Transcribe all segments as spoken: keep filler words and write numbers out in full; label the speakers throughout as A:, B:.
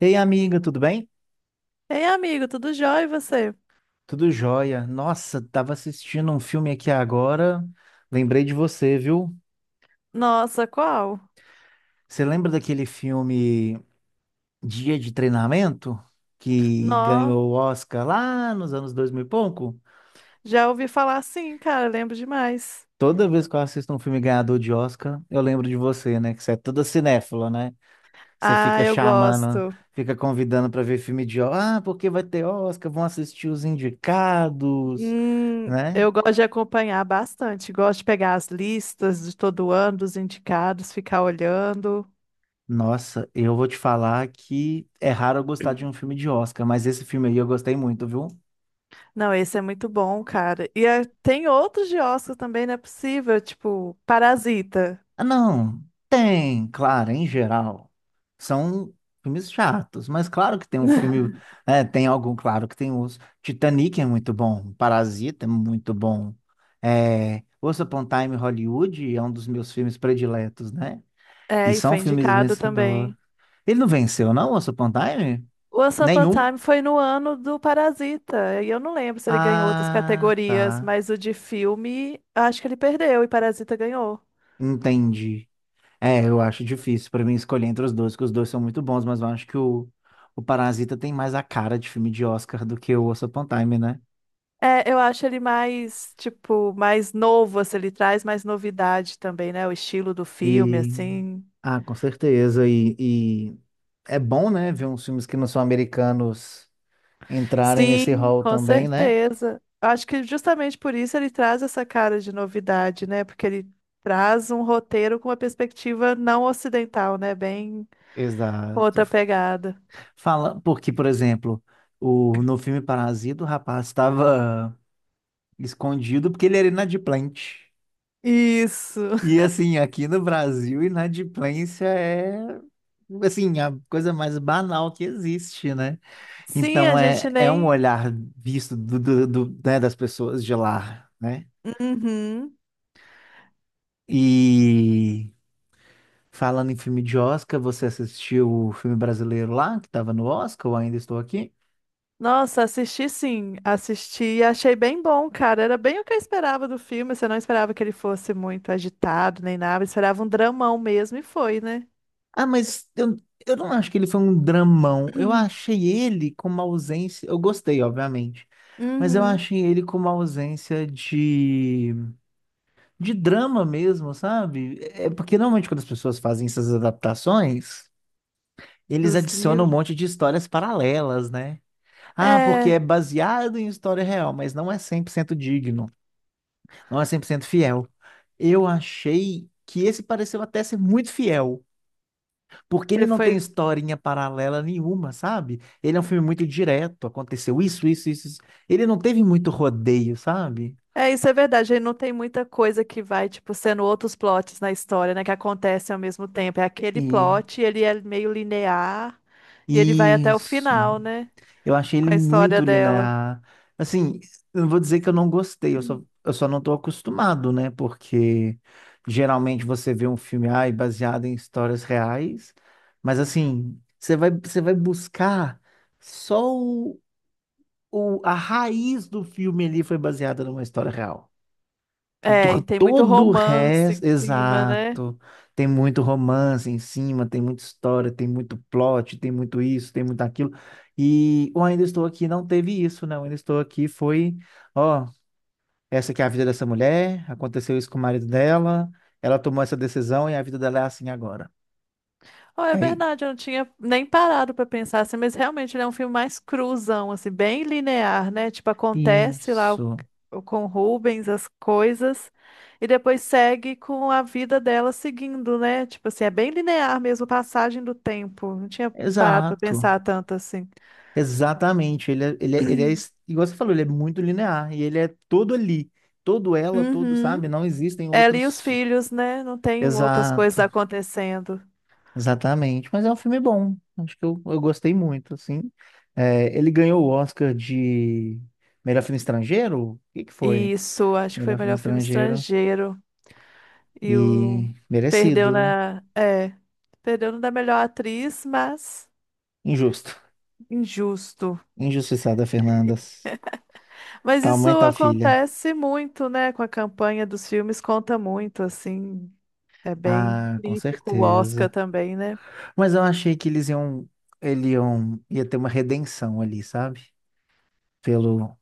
A: Ei, amiga, tudo bem?
B: Ei, amigo, tudo jóia e você?
A: Tudo jóia. Nossa, tava assistindo um filme aqui agora. Lembrei de você, viu?
B: Nossa, qual?
A: Você lembra daquele filme Dia de Treinamento? Que
B: Nó,
A: ganhou o Oscar lá nos anos dois mil e pouco?
B: já ouvi falar sim, cara, lembro demais.
A: Toda vez que eu assisto um filme ganhador de Oscar, eu lembro de você, né? Que você é toda cinéfila, né? Você
B: Ah,
A: fica
B: eu
A: chamando,
B: gosto.
A: fica convidando para ver filme de Oscar. Ah, porque vai ter Oscar, vão assistir os indicados,
B: Hum,
A: né?
B: eu gosto de acompanhar bastante, gosto de pegar as listas de todo ano, dos indicados, ficar olhando.
A: Nossa, eu vou te falar que é raro eu gostar de um filme de Oscar, mas esse filme aí eu gostei muito, viu?
B: Não, esse é muito bom, cara. E é- tem outros de Oscar também, não é possível, tipo Parasita.
A: Ah, não, tem, claro, em geral. São filmes chatos, mas claro que tem um filme, é, tem algum, claro que tem os. Titanic é muito bom, Parasita é muito bom. É, Once Upon a Time in Hollywood é um dos meus filmes prediletos, né? E
B: É, e
A: são
B: foi
A: filmes
B: indicado
A: vencedores.
B: também.
A: Ele não venceu, não, Once Upon a Time?
B: O Once Upon a
A: Nenhum?
B: Time foi no ano do Parasita. E eu não lembro se ele ganhou outras
A: Ah,
B: categorias,
A: tá.
B: mas o de filme, acho que ele perdeu e Parasita ganhou.
A: Entendi. É, eu acho difícil pra mim escolher entre os dois, porque os dois são muito bons, mas eu acho que o, o Parasita tem mais a cara de filme de Oscar do que o Once Upon a Time, né?
B: É, eu acho ele mais, tipo, mais novo, assim, ele traz mais novidade também, né? O estilo do filme,
A: E,
B: assim.
A: ah, com certeza. E, e é bom, né, ver uns filmes que não são americanos entrarem nesse
B: Sim,
A: hall
B: com
A: também, né?
B: certeza. Acho que justamente por isso ele traz essa cara de novidade, né? Porque ele traz um roteiro com uma perspectiva não ocidental, né? Bem com
A: Exato.
B: outra pegada.
A: Fala, porque, por exemplo, o, no filme Parasita, o rapaz estava escondido porque ele era inadimplente.
B: Isso.
A: E assim, aqui no Brasil, inadimplência é assim, a coisa mais banal que existe, né?
B: Sim, a
A: Então é,
B: gente
A: é um
B: nem.
A: olhar visto do, do, do- né, das pessoas de lá, né?
B: Uhum.
A: E falando em filme de Oscar, você assistiu o filme brasileiro lá, que estava no Oscar, ou ainda estou aqui?
B: Nossa, assisti sim, assisti e achei bem bom, cara. Era bem o que eu esperava do filme. Você não esperava que ele fosse muito agitado nem nada, esperava um dramão mesmo e foi, né?
A: Ah, mas eu, eu não acho que ele foi um dramão. Eu achei ele com uma ausência. Eu gostei, obviamente. Mas eu
B: Uhum.
A: achei ele com uma ausência de. De drama mesmo, sabe? É é porque normalmente quando as pessoas fazem essas adaptações, eles
B: Dos
A: adicionam um
B: livros.
A: monte de histórias paralelas, né? Ah, porque
B: É,
A: é baseado em história real, mas não é cem por cento digno, não é cem por cento fiel. Eu achei que esse pareceu até ser muito fiel, porque ele
B: ele
A: não tem
B: foi.
A: historinha paralela nenhuma, sabe? Ele é um filme muito direto, aconteceu isso, isso, isso. isso. Ele não teve muito rodeio, sabe?
B: É, isso é verdade. Ele não tem muita coisa que vai, tipo, sendo outros plots na história, né? Que acontecem ao mesmo tempo. É aquele
A: E
B: plot, ele é meio linear e ele vai até o
A: isso.
B: final, né?
A: Eu achei ele
B: Com a história
A: muito
B: dela.
A: linear. Assim, eu não vou dizer que eu não gostei, eu só, eu só não estou acostumado, né? Porque geralmente você vê um filme ai, baseado em histórias reais, mas assim, você vai, você vai buscar só o, o- a raiz do filme ali foi baseada numa história real
B: É,
A: do-
B: e tem muito
A: Todo o
B: romance
A: resto,
B: em cima, né?
A: exato. Tem muito romance em cima, tem muita história, tem muito plot, tem muito isso, tem muito aquilo. E o Ainda Estou Aqui não teve isso, né? O Ainda Estou Aqui foi, ó, essa aqui é a vida dessa mulher, aconteceu isso com o marido dela, ela tomou essa decisão e a vida dela é assim agora.
B: Oh, é
A: É i-
B: verdade, eu não tinha nem parado pra pensar assim, mas realmente ele é um filme mais cruzão, assim, bem linear, né? Tipo, acontece lá o-
A: isso.
B: o- com o Rubens as coisas e depois segue com a vida dela seguindo, né? Tipo assim, é bem linear mesmo, a passagem do tempo. Não tinha parado pra
A: Exato.
B: pensar tanto assim.
A: Exatamente. Ele é, ele é, ele é, es- igual você falou, ele é muito linear e ele é todo ali todo ela, todo, sabe?
B: Uhum.
A: Não existem
B: Ela e os
A: outros.
B: filhos, né? Não tem outras
A: Exato,
B: coisas acontecendo.
A: exatamente. Mas é um filme bom. Acho que eu, eu gostei muito, assim. É, ele ganhou o Oscar de melhor filme estrangeiro? O que que foi?
B: Isso, acho que foi o
A: Melhor filme
B: melhor filme
A: estrangeiro
B: estrangeiro. E o...
A: e merecido,
B: Perdeu
A: né?
B: na... É, perdeu no da melhor atriz, mas
A: Injusto.
B: injusto.
A: Injustiçada, Fernandas.
B: Mas
A: Tal
B: isso
A: mãe, tal filha.
B: acontece muito, né? Com a campanha dos filmes, conta muito, assim. É bem
A: Ah, com
B: crítico o Oscar
A: certeza.
B: também, né?
A: Mas eu achei que eles iam, ele iam, ia ter uma redenção ali, sabe? Pelo,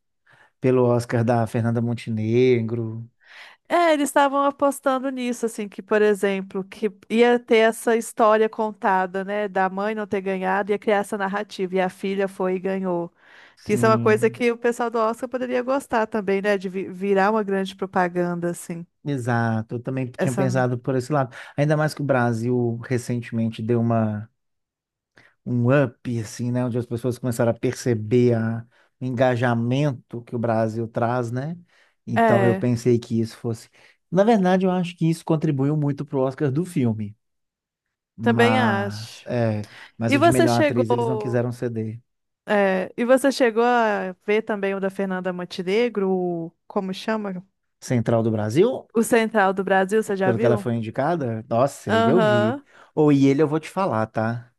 A: pelo Oscar da Fernanda Montenegro.
B: É, eles estavam apostando nisso, assim, que, por exemplo, que ia ter essa história contada, né? Da mãe não ter ganhado, ia criar essa narrativa, e a filha foi e ganhou. Que isso é uma coisa
A: Sim.
B: que o pessoal do Oscar poderia gostar também, né? De vi- virar uma grande propaganda, assim.
A: Exato, eu também tinha
B: Essa.
A: pensado por esse lado. Ainda mais que o Brasil recentemente deu uma, um up, assim, né? Onde as pessoas começaram a perceber a, o engajamento que o Brasil traz, né? Então eu
B: É,
A: pensei que isso fosse. Na verdade, eu acho que isso contribuiu muito pro Oscar do filme.
B: também
A: Mas,
B: acho.
A: é, mas
B: E
A: o de
B: você
A: melhor atriz eles não
B: chegou.
A: quiseram ceder.
B: É, e você chegou a ver também o da Fernanda Montenegro, o, como chama?
A: Central do Brasil,
B: O Central do Brasil, você já
A: pelo que ela
B: viu?
A: foi indicada, nossa, ele eu vi.
B: Aham.
A: Ou e ele eu vou te falar, tá?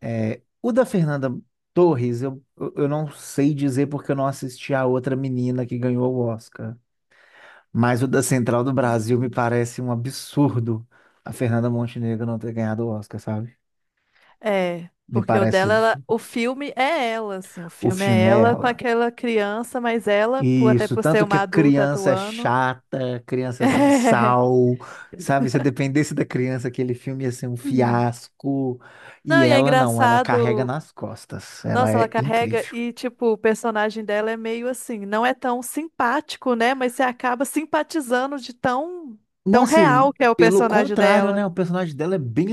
A: É, o da Fernanda Torres, eu, eu eu não sei dizer porque eu não assisti a outra menina que ganhou o Oscar. Mas o da Central do Brasil me parece um absurdo a Fernanda Montenegro não ter ganhado o Oscar, sabe?
B: É,
A: Me
B: porque o
A: parece
B: dela, ela-
A: absurdo.
B: o filme é ela, assim, o
A: O
B: filme é
A: filme é
B: ela com
A: ela.
B: aquela criança, mas ela, por- até
A: Isso,
B: por ser
A: tanto que
B: uma
A: a
B: adulta
A: criança é
B: atuando.
A: chata, a criança é sem sal, sabe? Se dependesse da criança, aquele filme ia ser um
B: Hum.
A: fiasco.
B: Não,
A: E
B: e é
A: ela não, ela carrega
B: engraçado.
A: nas costas. Ela
B: Nossa, ela
A: é
B: carrega
A: incrível.
B: e, tipo, o personagem dela é meio assim, não é tão simpático, né? Mas você acaba simpatizando de tão, tão
A: Nossa, e
B: real que é o
A: pelo
B: personagem
A: contrário, né?
B: dela.
A: O personagem dela é bem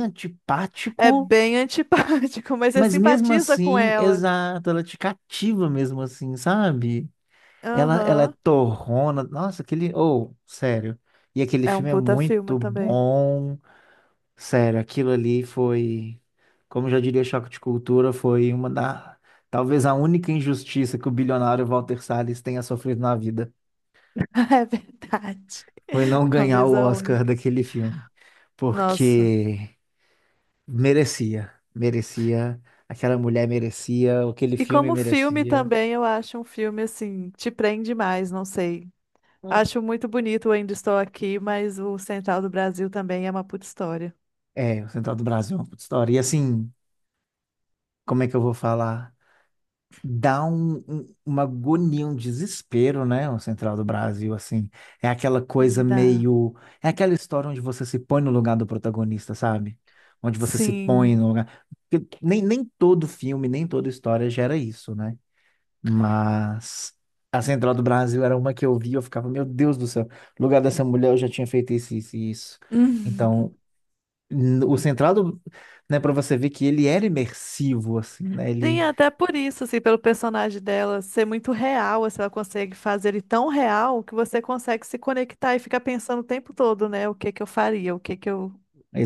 B: É
A: antipático,
B: bem antipático, mas você
A: mas mesmo
B: simpatiza com
A: assim,
B: ela.
A: exato, ela é te cativa mesmo assim, sabe? Ela, ela é
B: Aham.
A: torrona. Nossa, aquele. Oh, sério. E aquele
B: É um
A: filme é
B: puta filme
A: muito
B: também.
A: bom. Sério, aquilo ali foi. Como já diria Choque de Cultura, foi uma da. Talvez a única injustiça que o bilionário Walter Salles tenha sofrido na vida.
B: É verdade.
A: Foi não ganhar
B: Talvez
A: o
B: a
A: Oscar
B: única.
A: daquele filme.
B: Nossa.
A: Porque. Merecia, merecia. Aquela mulher merecia, aquele
B: E
A: filme
B: como filme
A: merecia.
B: também, eu acho um filme assim, te prende mais, não sei.
A: Hum.
B: Acho muito bonito o Ainda Estou Aqui, mas o Central do Brasil também é uma puta história.
A: É, o Central do Brasil é uma puta história. E assim, como é que eu vou falar? Dá um, um- uma agonia, um desespero, né? O Central do Brasil, assim. É aquela coisa
B: Dá.
A: meio. É aquela história onde você se põe no lugar do protagonista, sabe? Onde você se põe
B: Sim.
A: no lugar. Porque nem, nem todo filme, nem toda história gera isso, né? Mas a Central do Brasil era uma que eu via, eu ficava, meu Deus do céu, no lugar dessa mulher eu já tinha feito isso, isso, e isso.
B: Uhum.
A: Então, n- o Central do, né, para você ver que ele era imersivo, assim, né?
B: Sim,
A: Ele.
B: até por isso, assim, pelo personagem dela ser muito real, assim, ela consegue fazer ele tão real que você consegue se conectar e ficar pensando o tempo todo, né? O que que eu faria, o que que eu,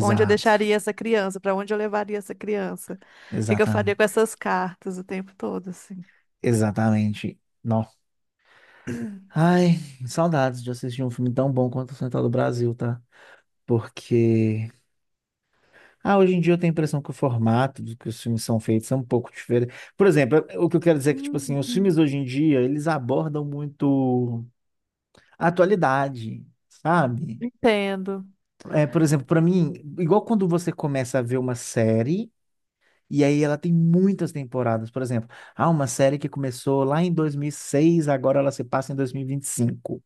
B: onde eu deixaria essa criança, para onde eu levaria essa criança, o que que eu faria com
A: exatamente.
B: essas cartas o tempo todo, assim.
A: Exatamente. Não. Ai, saudades de assistir um filme tão bom quanto o Central do Brasil, tá? Porque ah, hoje em dia eu tenho a impressão que o formato do que os filmes são feitos é um pouco diferente. Por exemplo, o que eu quero dizer é que, tipo assim, os filmes
B: Uhum.
A: hoje em dia, eles abordam muito a atualidade, sabe?
B: Entendo.
A: É, por exemplo, para mim, igual quando você começa a ver uma série, e aí ela tem muitas temporadas, por exemplo, há uma série que começou lá em dois mil e seis, agora ela se passa em dois mil e vinte e cinco.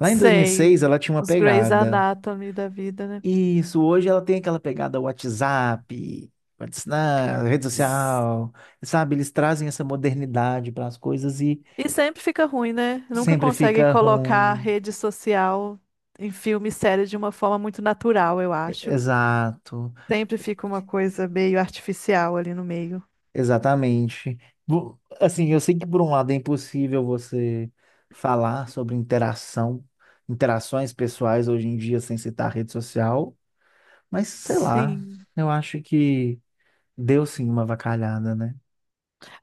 A: Lá em
B: Sei.
A: dois mil e seis ela tinha uma
B: Os Grey's
A: pegada.
B: Anatomy da vida, né?
A: Isso, hoje ela tem aquela pegada WhatsApp, WhatsApp, rede social, sabe? Eles trazem essa modernidade para as coisas e
B: E sempre fica ruim, né? Nunca
A: sempre
B: conseguem
A: fica
B: colocar a
A: ruim.
B: rede social em filme e série de uma forma muito natural, eu
A: E-
B: acho.
A: Exato,
B: Sempre fica uma coisa meio artificial ali no meio.
A: exatamente. Bu- Assim, eu sei que por um lado é impossível você falar sobre interação, interações pessoais hoje em dia sem citar rede social, mas sei lá,
B: Sim.
A: eu acho que deu sim uma avacalhada, né?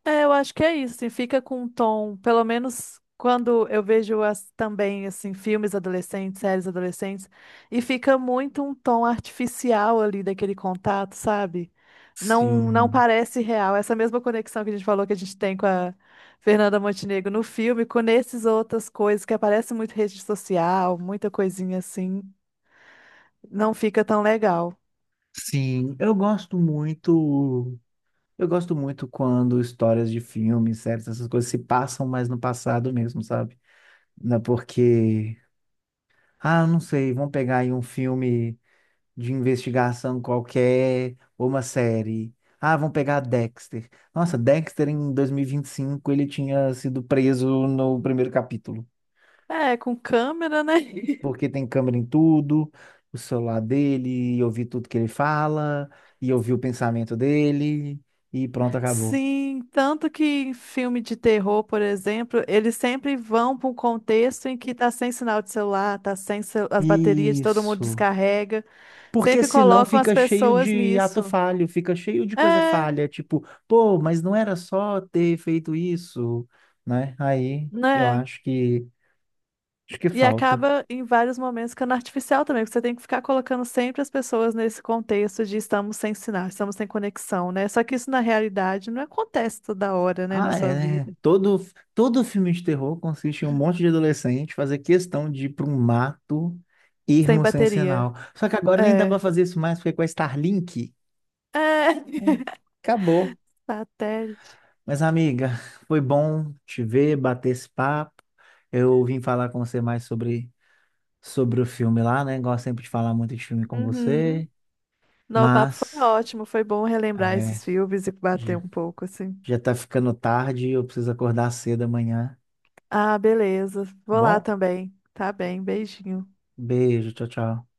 B: É, eu acho que é isso, assim, fica com um tom, pelo menos quando eu vejo as, também assim filmes adolescentes, séries adolescentes, e fica muito um tom artificial ali daquele contato, sabe? Não, não
A: Sim.
B: parece real. Essa mesma conexão que a gente falou que a gente tem com a Fernanda Montenegro no filme, com essas outras coisas que aparece muito rede social, muita coisinha assim, não fica tão legal.
A: Sim, eu gosto muito. Eu gosto muito quando histórias de filmes, séries, essas coisas se passam mais no passado mesmo, sabe? Né, porque, ah, não sei, vamos pegar aí um filme de investigação qualquer, ou uma série. Ah, vamos pegar Dexter. Nossa, Dexter em dois mil e e vinte e cinco ele tinha sido preso no primeiro capítulo,
B: É, com câmera, né?
A: porque tem câmera em tudo, o celular dele, e ouvir tudo que ele fala, e ouvir o pensamento dele, e pronto, acabou.
B: Sim, tanto que em filme de terror, por exemplo, eles sempre vão para um contexto em que tá sem sinal de celular, tá sem cel- as baterias de todo mundo
A: Isso.
B: descarrega,
A: Porque
B: sempre
A: senão
B: colocam as
A: fica cheio
B: pessoas
A: de ato
B: nisso.
A: falho, fica cheio de coisa
B: É,
A: falha, tipo, pô, mas não era só ter feito isso, né? Aí eu
B: né?
A: acho que acho que
B: E
A: falta.
B: acaba em vários momentos ficando artificial também, porque você tem que ficar colocando sempre as pessoas nesse contexto de estamos sem sinal, estamos sem conexão, né? Só que isso na realidade não acontece toda hora, né, na
A: Ah,
B: sua
A: é. Né?
B: vida,
A: Todo, todo filme de terror consiste em um monte de adolescente fazer questão de ir para um mato,
B: sem
A: irmos sem
B: bateria.
A: sinal. Só que agora nem dá para
B: É.
A: fazer isso mais, porque é com a Starlink,
B: É.
A: hum, acabou.
B: Satélite.
A: Mas, amiga, foi bom te ver, bater esse papo. Eu vim falar com você mais sobre, sobre o filme lá, né? Gosto sempre de falar muito de filme com
B: Uhum.
A: você,
B: Não, o papo foi
A: mas
B: ótimo, foi bom relembrar
A: é,
B: esses filmes e bater
A: já,
B: um pouco, assim.
A: já tá ficando tarde e eu preciso acordar cedo amanhã,
B: Ah, beleza.
A: tá
B: Vou lá
A: bom?
B: também. Tá bem, beijinho.
A: Beijo, tchau, tchau.